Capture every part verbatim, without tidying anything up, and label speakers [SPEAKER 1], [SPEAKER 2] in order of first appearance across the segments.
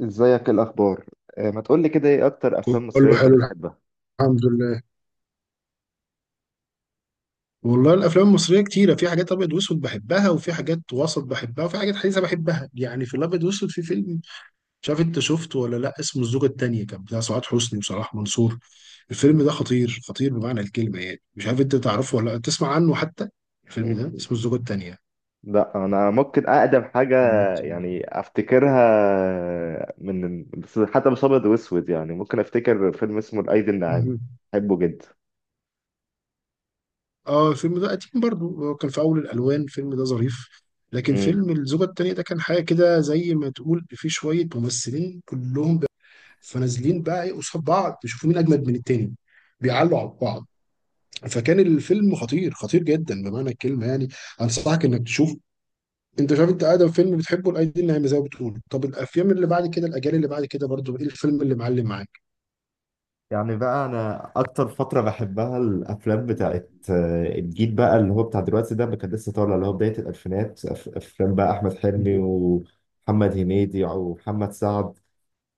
[SPEAKER 1] ازيك؟ إيه الاخبار؟ آه، ما تقولي كده، ايه اكتر افلام مصريه
[SPEAKER 2] كله
[SPEAKER 1] انت
[SPEAKER 2] حلو.
[SPEAKER 1] بتحبها؟
[SPEAKER 2] الحمد لله. والله الافلام المصريه كتيره، في حاجات ابيض واسود بحبها، وفي حاجات وسط بحبها، وفي حاجات حديثه بحبها. يعني في الابيض واسود في فيلم، مش عارف انت شفته ولا لا، اسمه الزوجه التانيه، كان بتاع سعاد حسني وصلاح منصور. الفيلم ده خطير خطير بمعنى الكلمه. يعني مش عارف انت تعرفه ولا لا، تسمع عنه حتى. الفيلم
[SPEAKER 1] مم.
[SPEAKER 2] ده اسمه الزوجه التانيه.
[SPEAKER 1] لا، انا ممكن اقدم حاجه يعني افتكرها. من بس حتى مش ابيض واسود، يعني ممكن افتكر فيلم اسمه الايدي الناعمه.
[SPEAKER 2] مهم.
[SPEAKER 1] بحبه جدا.
[SPEAKER 2] اه، الفيلم ده قديم برضو، هو كان في اول الالوان، الفيلم ده ظريف. لكن
[SPEAKER 1] مم.
[SPEAKER 2] فيلم الزوجة التانية ده كان حاجة كده، زي ما تقول في شوية ممثلين كلهم فنازلين بقى ايه قصاد بعض يشوفوا مين اجمد من التاني، بيعلوا على بعض. فكان الفيلم خطير خطير جدا بمعنى الكلمه يعني. انصحك انك تشوف. انت شايف، انت ادم فيلم بتحبه الايدي النايمه زي ما بتقول، طب الافلام اللي بعد كده، الاجيال اللي بعد كده، برضو ايه الفيلم اللي معلم معاك؟
[SPEAKER 1] يعني بقى انا اكتر فتره بحبها الافلام بتاعت آه، الجيل بقى اللي هو بتاع دلوقتي ده، ما كان لسه طالع، اللي هو بدايه الالفينات، أف- افلام بقى احمد حلمي
[SPEAKER 2] مم.
[SPEAKER 1] ومحمد هنيدي ومحمد سعد.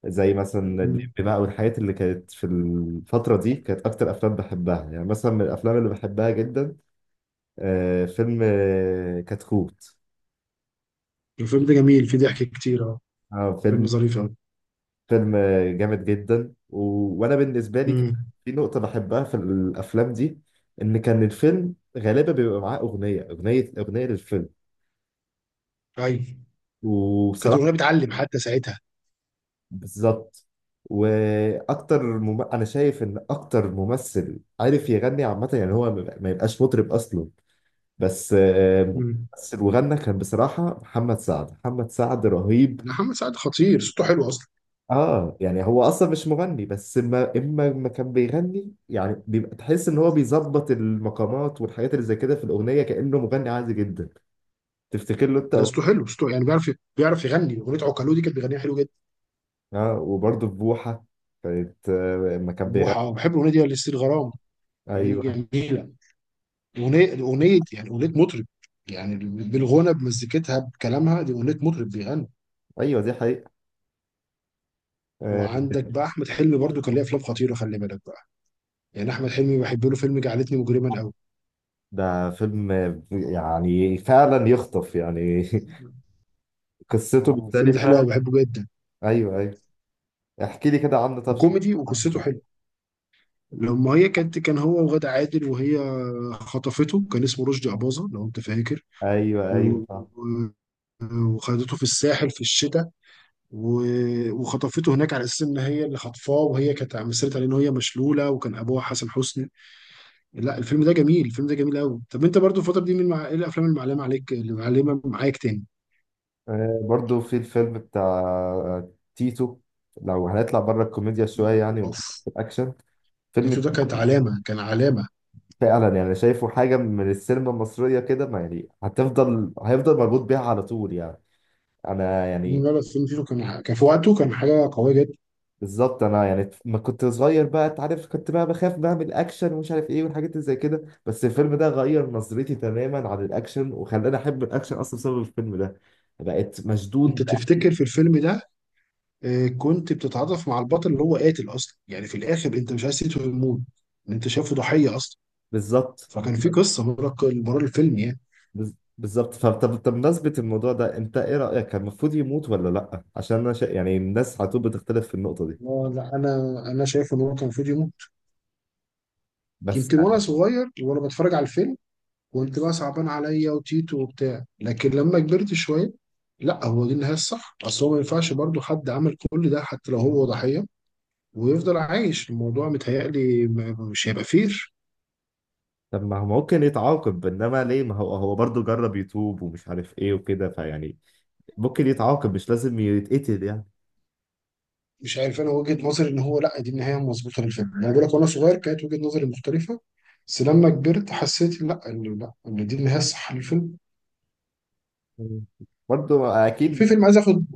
[SPEAKER 1] زي مثلا الليمبي
[SPEAKER 2] مم.
[SPEAKER 1] بقى والحاجات اللي كانت في الفترة دي، كانت أكتر أفلام بحبها. يعني مثلا من الأفلام اللي بحبها جدا، آه، فيلم آه، كتكوت.
[SPEAKER 2] الفيلم ده جميل، فيه ضحك كتير، اه.
[SPEAKER 1] آه،
[SPEAKER 2] فيلم
[SPEAKER 1] فيلم
[SPEAKER 2] ظريف قوي.
[SPEAKER 1] فيلم آه، جامد جدا و، وأنا بالنسبة لي كان
[SPEAKER 2] امم.
[SPEAKER 1] في نقطة بحبها في الأفلام دي، إن كان الفيلم غالبا بيبقى معاه أغنية أغنية أغنية للفيلم.
[SPEAKER 2] ايوه. كانت الاغنيه
[SPEAKER 1] وبصراحة،
[SPEAKER 2] بتعلم حتى ساعتها.
[SPEAKER 1] بالظبط. واكتر مم... انا شايف ان اكتر ممثل عارف يغني عامه، يعني هو ما ما يبقاش مطرب اصلا. بس آه،
[SPEAKER 2] مم.
[SPEAKER 1] بس وغنى كان بصراحة، محمد سعد محمد سعد رهيب.
[SPEAKER 2] محمد سعد خطير، صوته حلو اصلا.
[SPEAKER 1] اه يعني هو اصلا مش مغني، بس اما اما ما كان بيغني يعني بيبقى تحس ان هو بيظبط المقامات والحاجات اللي زي كده في الاغنية، كأنه مغني عادي جدا. تفتكر له انت
[SPEAKER 2] لا صوته
[SPEAKER 1] أغ-
[SPEAKER 2] حلو، صوته يعني بيعرف بيعرف يغني. اغنيه عوكلو دي كانت بيغنيها حلو جدا.
[SPEAKER 1] اه، وبرضه في بوحة. كانت آه، اما كان بيغني.
[SPEAKER 2] بوحة بحب الأغنية دي، لستيل غرام، الأغنية
[SPEAKER 1] ايوه،
[SPEAKER 2] دي جميلة. أغنية أغنية، يعني أغنية مطرب. يعني بالغنى بمزيكتها بكلامها، دي أغنية مطرب بيغني.
[SPEAKER 1] ايوه، دي حقيقة. آه.
[SPEAKER 2] وعندك بقى أحمد حلمي برضو، كان ليه أفلام خطيرة، خلي بالك بقى. يعني أحمد حلمي بحب له فيلم جعلتني مجرما أوي.
[SPEAKER 1] ده فيلم آه، يعني فعلا يخطف يعني. قصته
[SPEAKER 2] أو الفيلم ده حلو
[SPEAKER 1] مختلفة.
[SPEAKER 2] أوي، بحبه جدا.
[SPEAKER 1] ايوه، ايوه. احكي لي كده عنه طب.
[SPEAKER 2] وكوميدي وقصته حلوة. لما هي كانت، كان هو وغادة عادل، وهي خطفته، كان اسمه رشدي أباظة لو أنت فاكر.
[SPEAKER 1] ايوه، ايوه،
[SPEAKER 2] و-
[SPEAKER 1] فاهم.
[SPEAKER 2] و- وخدته في الساحل في الشتاء. و- وخطفته هناك على اساس ان هي اللي خطفاه، وهي كانت مثلت عليه ان هي مشلوله، وكان ابوها حسن حسني. لا الفيلم ده جميل، الفيلم ده جميل قوي. طب انت برضو الفتره دي من مع... ايه الافلام اللي معلمه عليك، اللي معلمه معاك تاني؟
[SPEAKER 1] آه، برضو في الفيلم بتاع تيتو. لو هنطلع بره الكوميديا شويه يعني، ونخش
[SPEAKER 2] اوف.
[SPEAKER 1] في الاكشن. فيلم
[SPEAKER 2] تيتو ده
[SPEAKER 1] تيتو.
[SPEAKER 2] كانت علامه، كان علامه.
[SPEAKER 1] فعلا، يعني شايفه حاجه من السينما المصريه كده، ما يعني هتفضل هيفضل مربوط بيها على طول يعني. انا يعني،
[SPEAKER 2] لا لا فيلم تيتو، كان كان في وقته كان حاجه قويه جدا.
[SPEAKER 1] بالظبط. انا يعني ما كنت صغير بقى، انت عارف، كنت بقى بخاف بقى من الاكشن ومش عارف ايه والحاجات اللي زي كده، بس الفيلم ده غير نظرتي تماما عن الاكشن، وخلاني احب الاكشن اصلا بسبب الفيلم ده. بقيت
[SPEAKER 2] انت
[SPEAKER 1] مشدود.
[SPEAKER 2] تفتكر في الفيلم ده، آه، كنت بتتعاطف مع البطل اللي هو قاتل اصلا، يعني في الاخر انت مش عايز تيتو يموت، انت شايفه ضحيه اصلا.
[SPEAKER 1] بالظبط.
[SPEAKER 2] فكان في قصه ورا ورا الفيلم يعني.
[SPEAKER 1] بز- بالظبط. فطب طب بمناسبة الموضوع ده، انت ايه رأيك؟ كان المفروض يموت ولا لا؟ عشان انا شا... يعني الناس على طول بتختلف في النقطة دي.
[SPEAKER 2] لا لا انا انا شايف ان هو كان المفروض يموت.
[SPEAKER 1] بس،
[SPEAKER 2] يمكن وانا صغير وانا بتفرج على الفيلم كنت بقى صعبان عليا وتيتو وبتاع، لكن لما كبرت شويه لا، هو دي النهايه الصح. اصل هو ما ينفعش برضه حد عمل كل ده حتى لو هو ضحيه ويفضل عايش. الموضوع متهيألي م- مش هيبقى فير.
[SPEAKER 1] طب ما هو ممكن يتعاقب، انما ليه؟ ما هو هو برضه جرب يتوب ومش عارف ايه وكده فيعني، ممكن يتعاقب، مش لازم يتقتل يعني.
[SPEAKER 2] مش عارف، انا وجهه نظري ان هو لا، دي النهايه المظبوطه للفيلم. انا بقول لك، وانا صغير كانت وجهه نظري مختلفه، بس لما كبرت حسيت لا، ان لا ان دي النهايه الصح للفيلم.
[SPEAKER 1] مم. برضه اكيد مش.
[SPEAKER 2] في فيلم عايز اخد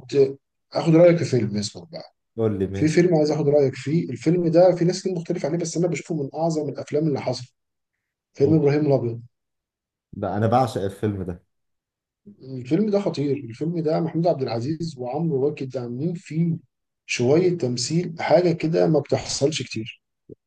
[SPEAKER 2] اخد رايك في فيلم اسمه،
[SPEAKER 1] تقول لي
[SPEAKER 2] في
[SPEAKER 1] ماشي.
[SPEAKER 2] فيلم عايز اخد رايك فيه. الفيلم ده في ناس كتير مختلف عليه، بس انا بشوفه من اعظم الافلام اللي حصلت. فيلم ابراهيم الابيض.
[SPEAKER 1] ده انا بعشق الفيلم ده.
[SPEAKER 2] الفيلم ده خطير، الفيلم ده محمود عبد العزيز وعمرو واكد عاملين فيه شويه تمثيل، حاجه كده ما بتحصلش كتير.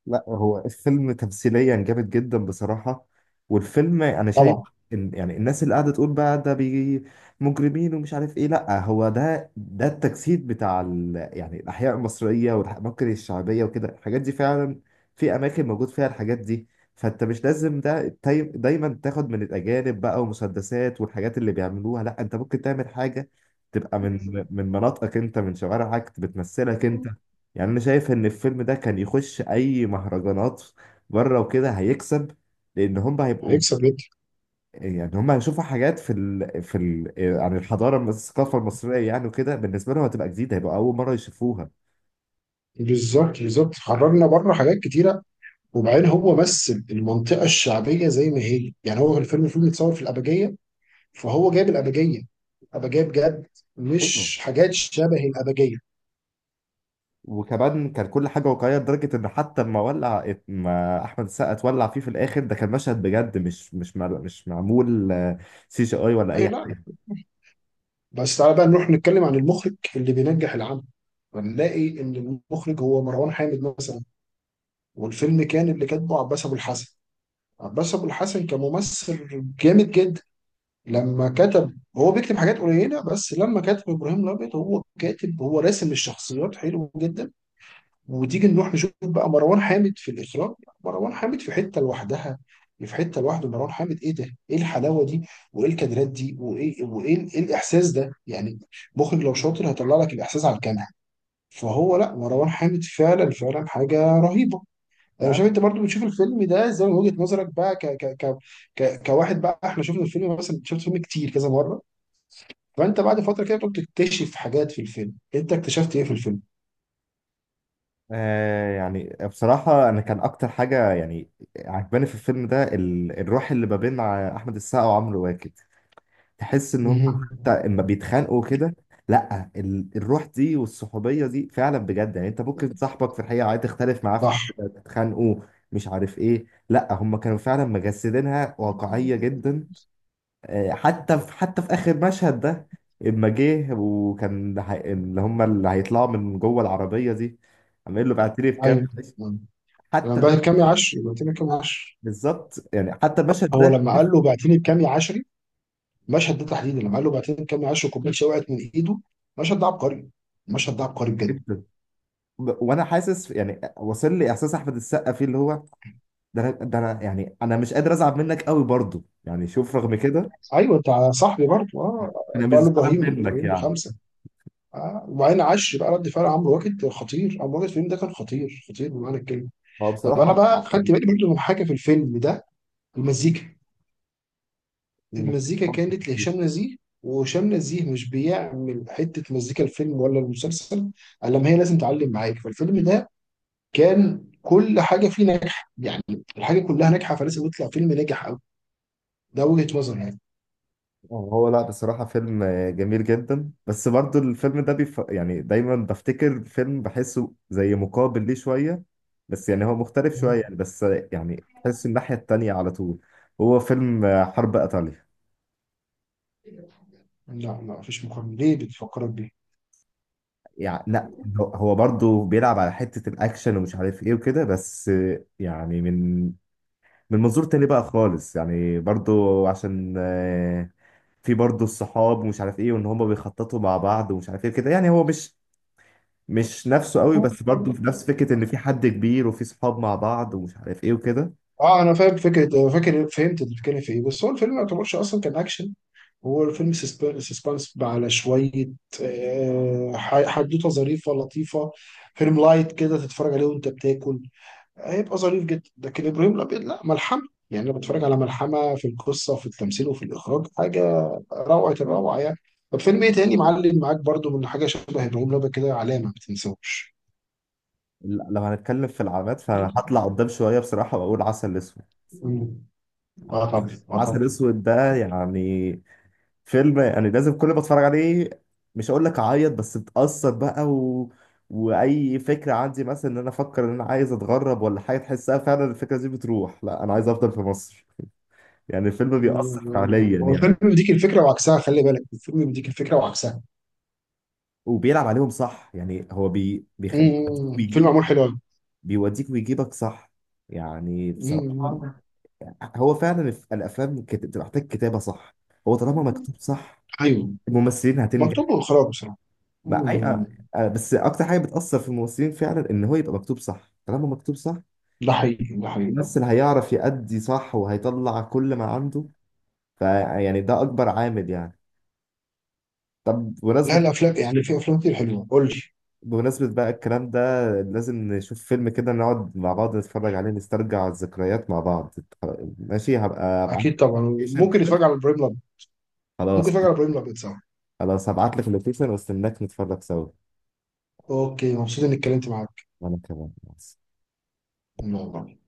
[SPEAKER 1] لا، هو الفيلم تمثيليا جامد جدا بصراحة. والفيلم أنا شايف
[SPEAKER 2] طبعا.
[SPEAKER 1] إن يعني الناس اللي قاعدة تقول بقى ده بي مجرمين ومش عارف إيه، لا هو ده ده التجسيد بتاع ال، يعني الأحياء المصرية والأماكن الشعبية وكده، الحاجات دي فعلا، في أماكن موجود فيها الحاجات دي. فأنت مش لازم ده تاي- دايما تاخد من الأجانب بقى ومسدسات والحاجات اللي بيعملوها، لا أنت ممكن تعمل حاجة تبقى من من مناطقك أنت، من شوارعك بتمثلك أنت. يعني انا شايف ان الفيلم ده كان يخش اي مهرجانات بره وكده، هيكسب. لان هم هيبقوا،
[SPEAKER 2] هيكسب جدا.
[SPEAKER 1] يعني هم هيشوفوا حاجات في ال... في ال... عن الحضاره الم- الثقافه المصريه يعني وكده، بالنسبه لهم هتبقى جديده، هيبقى اول مره يشوفوها.
[SPEAKER 2] بالظبط بالظبط، خرجنا بره حاجات كتيره. وبعدين هو مثل المنطقه الشعبيه زي ما هي، يعني هو في الفيلم، الفيلم متصور في الابجيه، فهو جايب الابجيه، الابجيه بجد،
[SPEAKER 1] ايوه.
[SPEAKER 2] مش حاجات شبه الابجيه.
[SPEAKER 1] وكمان كان كل حاجه واقعيه لدرجه ان حتى لما ولع، ما احمد السقا اتولع فيه في الاخر، ده كان مشهد بجد، مش مش مع... مش معمول سي جي اي ولا
[SPEAKER 2] اي
[SPEAKER 1] اي
[SPEAKER 2] لا. بس تعالى بقى نروح نتكلم عن المخرج اللي بينجح العمل، هنلاقي ان المخرج هو مروان حامد مثلا. والفيلم كان اللي كاتبه عباس ابو الحسن. عباس ابو الحسن كممثل جامد جدا. لما كتب، هو بيكتب حاجات قليله، بس لما كتب ابراهيم الابيض، هو كاتب، هو راسم الشخصيات حلو جدا. وتيجي نروح نشوف بقى مروان حامد في الاخراج. مروان حامد في حته لوحدها، في حته لوحده. مروان حامد ايه ده، ايه الحلاوه دي، وايه الكادرات دي، وايه وايه ال- إيه الاحساس ده يعني؟ مخرج لو شاطر هيطلع لك الاحساس على الكاميرا. فهو لا، مروان حامد فعلا فعلا حاجه رهيبه. انا
[SPEAKER 1] حاجه.
[SPEAKER 2] شايف انت برضو بتشوف الفيلم ده زي من وجهه نظرك بقى ك ك ك ك كواحد بقى. احنا شفنا الفيلم مثلا، شفت الفيلم كتير كذا مره، فانت بعد فتره كده بتكتشف حاجات في الفيلم. انت اكتشفت ايه في الفيلم؟
[SPEAKER 1] آه يعني بصراحة، أنا كان أكتر حاجة يعني عجباني في الفيلم ده، ال- الروح اللي ما بين ع- أحمد السقا وعمرو واكد، تحس إن هم
[SPEAKER 2] مهم.
[SPEAKER 1] حتى إما بيتخانقوا كده. لأ ال- الروح دي والصحوبية دي فعلا بجد، يعني أنت ممكن صاحبك في الحقيقة عايز تختلف معاه في
[SPEAKER 2] صح.
[SPEAKER 1] حاجة تتخانقوا، مش عارف إيه، لأ هم كانوا فعلا مجسدينها واقعية جدا. آه، حتى في حتى في آخر مشهد ده، إما جه وكان هي- اللي هم اللي هيطلعوا من جوه العربية دي، عامل له بعترف كام.
[SPEAKER 2] ايوه. لما
[SPEAKER 1] حتى ده،
[SPEAKER 2] بعت كامي عشري، بعتني بكامي عشري.
[SPEAKER 1] بالظبط، يعني حتى المشهد
[SPEAKER 2] هو
[SPEAKER 1] ده،
[SPEAKER 2] لما قال له بعتني بكامي عشري، المشهد ده تحديدا، لما قال له بعتني بكامي عشري وكوبايه شاي وقعت من ايده، المشهد ده عبقري، المشهد ده عبقري بجد.
[SPEAKER 1] جدا. ب- وانا حاسس يعني واصل لي احساس احمد السقا فيه اللي هو، ده أنا- ده انا يعني انا مش قادر ازعل منك قوي برضه، يعني شوف رغم كده
[SPEAKER 2] ايوه بتاع صاحبي برضه، اه،
[SPEAKER 1] انا مش
[SPEAKER 2] بقى له
[SPEAKER 1] زعلان
[SPEAKER 2] ابراهيم،
[SPEAKER 1] منك
[SPEAKER 2] ابراهيم
[SPEAKER 1] يعني.
[SPEAKER 2] بخمسه. آه. وبعدين عشري بقى. رد فعل عمرو واكد خطير، عمرو واكد الفيلم ده كان خطير خطير بمعنى الكلمه.
[SPEAKER 1] هو
[SPEAKER 2] طب انا
[SPEAKER 1] بصراحه،
[SPEAKER 2] بقى خدت بالي برضه من حاجه في الفيلم ده، المزيكا. المزيكا كانت لهشام نزيه. وهشام نزيه مش بيعمل حتة مزيكا الفيلم ولا المسلسل الا ما هي لازم تعلم معاك. فالفيلم ده كان كل حاجة فيه ناجحة يعني، الحاجة كلها ناجحة، فلازم يطلع فيلم ناجح أوي. ده وجهة نظر يعني.
[SPEAKER 1] هو لا بصراحه فيلم جميل جدا، بس برضه الفيلم ده بيف... يعني دايما بفتكر فيلم بحسه زي مقابل ليه شويه، بس يعني هو مختلف شويه
[SPEAKER 2] مم.
[SPEAKER 1] يعني، بس يعني تحس الناحيه التانيه على طول. هو فيلم حرب ايطاليا.
[SPEAKER 2] لا لا، مفيش مقارنة، ليه بتفكرك بيه؟
[SPEAKER 1] يعني لا، هو هو برضه بيلعب على حتة الأكشن ومش عارف إيه وكده، بس يعني من من منظور تاني بقى خالص، يعني برضه، عشان آه، في برضه الصحاب ومش عارف إيه، وإن هما بيخططوا مع بعض ومش عارف إيه كده، يعني هو مش مش نفسه قوي، بس برضه في نفس فكرة إن في حد كبير وفي صحاب مع بعض ومش عارف إيه وكده.
[SPEAKER 2] اه انا فاهم فكره، أنا فاكر، فهمت انت بتتكلم في ايه، بس هو الفيلم ما يعتبرش اصلا كان اكشن. هو الفيلم سسب- سسبانس على شويه. آه، ح- حدوته ظريفه لطيفه، فيلم لايت كده تتفرج عليه وانت بتاكل، هيبقى ظريف جدا. لكن ابراهيم الابيض لا، ملحمه. يعني انا بتفرج على ملحمه في القصه وفي التمثيل وفي الاخراج، حاجه روعه الروعه يعني. طب فيلم ايه تاني معلم معاك برضو من حاجه شبه ابراهيم الابيض كده، علامه ما تنساهوش؟
[SPEAKER 1] لا، لو هنتكلم في العلامات فأنا هطلع قدام شوية بصراحة، وأقول عسل أسود.
[SPEAKER 2] مم. اه طبعا، اه طبعا.
[SPEAKER 1] عسل أسود ده يعني فيلم، يعني لازم كل ما اتفرج عليه، مش هقول لك اعيط بس اتأثر بقى و، واي فكره عندي مثلا ان انا افكر ان انا عايز اتغرب ولا حاجه، تحسها فعلا الفكره دي بتروح، لا انا عايز افضل في مصر، يعني الفيلم بيأثر فعليا
[SPEAKER 2] هو الفيلم
[SPEAKER 1] يعني.
[SPEAKER 2] بيديك الفكره وعكسها، خلي بالك، الفيلم بيديك الفكره وعكسها.
[SPEAKER 1] وبيلعب عليهم صح، يعني هو بي... بيخ... بيوديك
[SPEAKER 2] مم. فيلم
[SPEAKER 1] ويجيب،
[SPEAKER 2] معمول حلو أوي.
[SPEAKER 1] بيوديك ويجيبك صح. يعني
[SPEAKER 2] مم.
[SPEAKER 1] بصراحه، هو فعلا الف- الافلام كت... بتبقى محتاج كتابه صح، هو طالما مكتوب صح
[SPEAKER 2] ايوه.
[SPEAKER 1] الممثلين هتنجح.
[SPEAKER 2] مكتوب واخراج بصراحه.
[SPEAKER 1] ما أي...
[SPEAKER 2] مم.
[SPEAKER 1] آه، آه، بس اكتر حاجه بتاثر في الممثلين فعلا، ان هو يبقى مكتوب صح، طالما مكتوب صح
[SPEAKER 2] ده حقيقي ده حقيقي.
[SPEAKER 1] الممثل هيعرف يأدي صح وهيطلع كل ما عنده، فيعني ده اكبر عامل يعني. طب
[SPEAKER 2] لا
[SPEAKER 1] بمناسبة
[SPEAKER 2] الافلام يعني في افلام كتير حلوه، قول لي.
[SPEAKER 1] بمناسبة بقى الكلام ده، لازم نشوف فيلم كده نقعد مع بعض نتفرج عليه، نسترجع الذكريات مع بعض. ماشي، هبقى ابعت
[SPEAKER 2] اكيد
[SPEAKER 1] لك
[SPEAKER 2] طبعا.
[SPEAKER 1] اللوكيشن
[SPEAKER 2] ممكن
[SPEAKER 1] كده.
[SPEAKER 2] نتفرج على ابراهيم الابيض. ممكن
[SPEAKER 1] خلاص.
[SPEAKER 2] نتفرج على ابراهيم الابيض سوا.
[SPEAKER 1] خلاص، هبعت لك اللوكيشن واستناك نتفرج سوا.
[SPEAKER 2] اوكي، مبسوط اني اتكلمت معاك.
[SPEAKER 1] وانا كمان مع
[SPEAKER 2] يلا.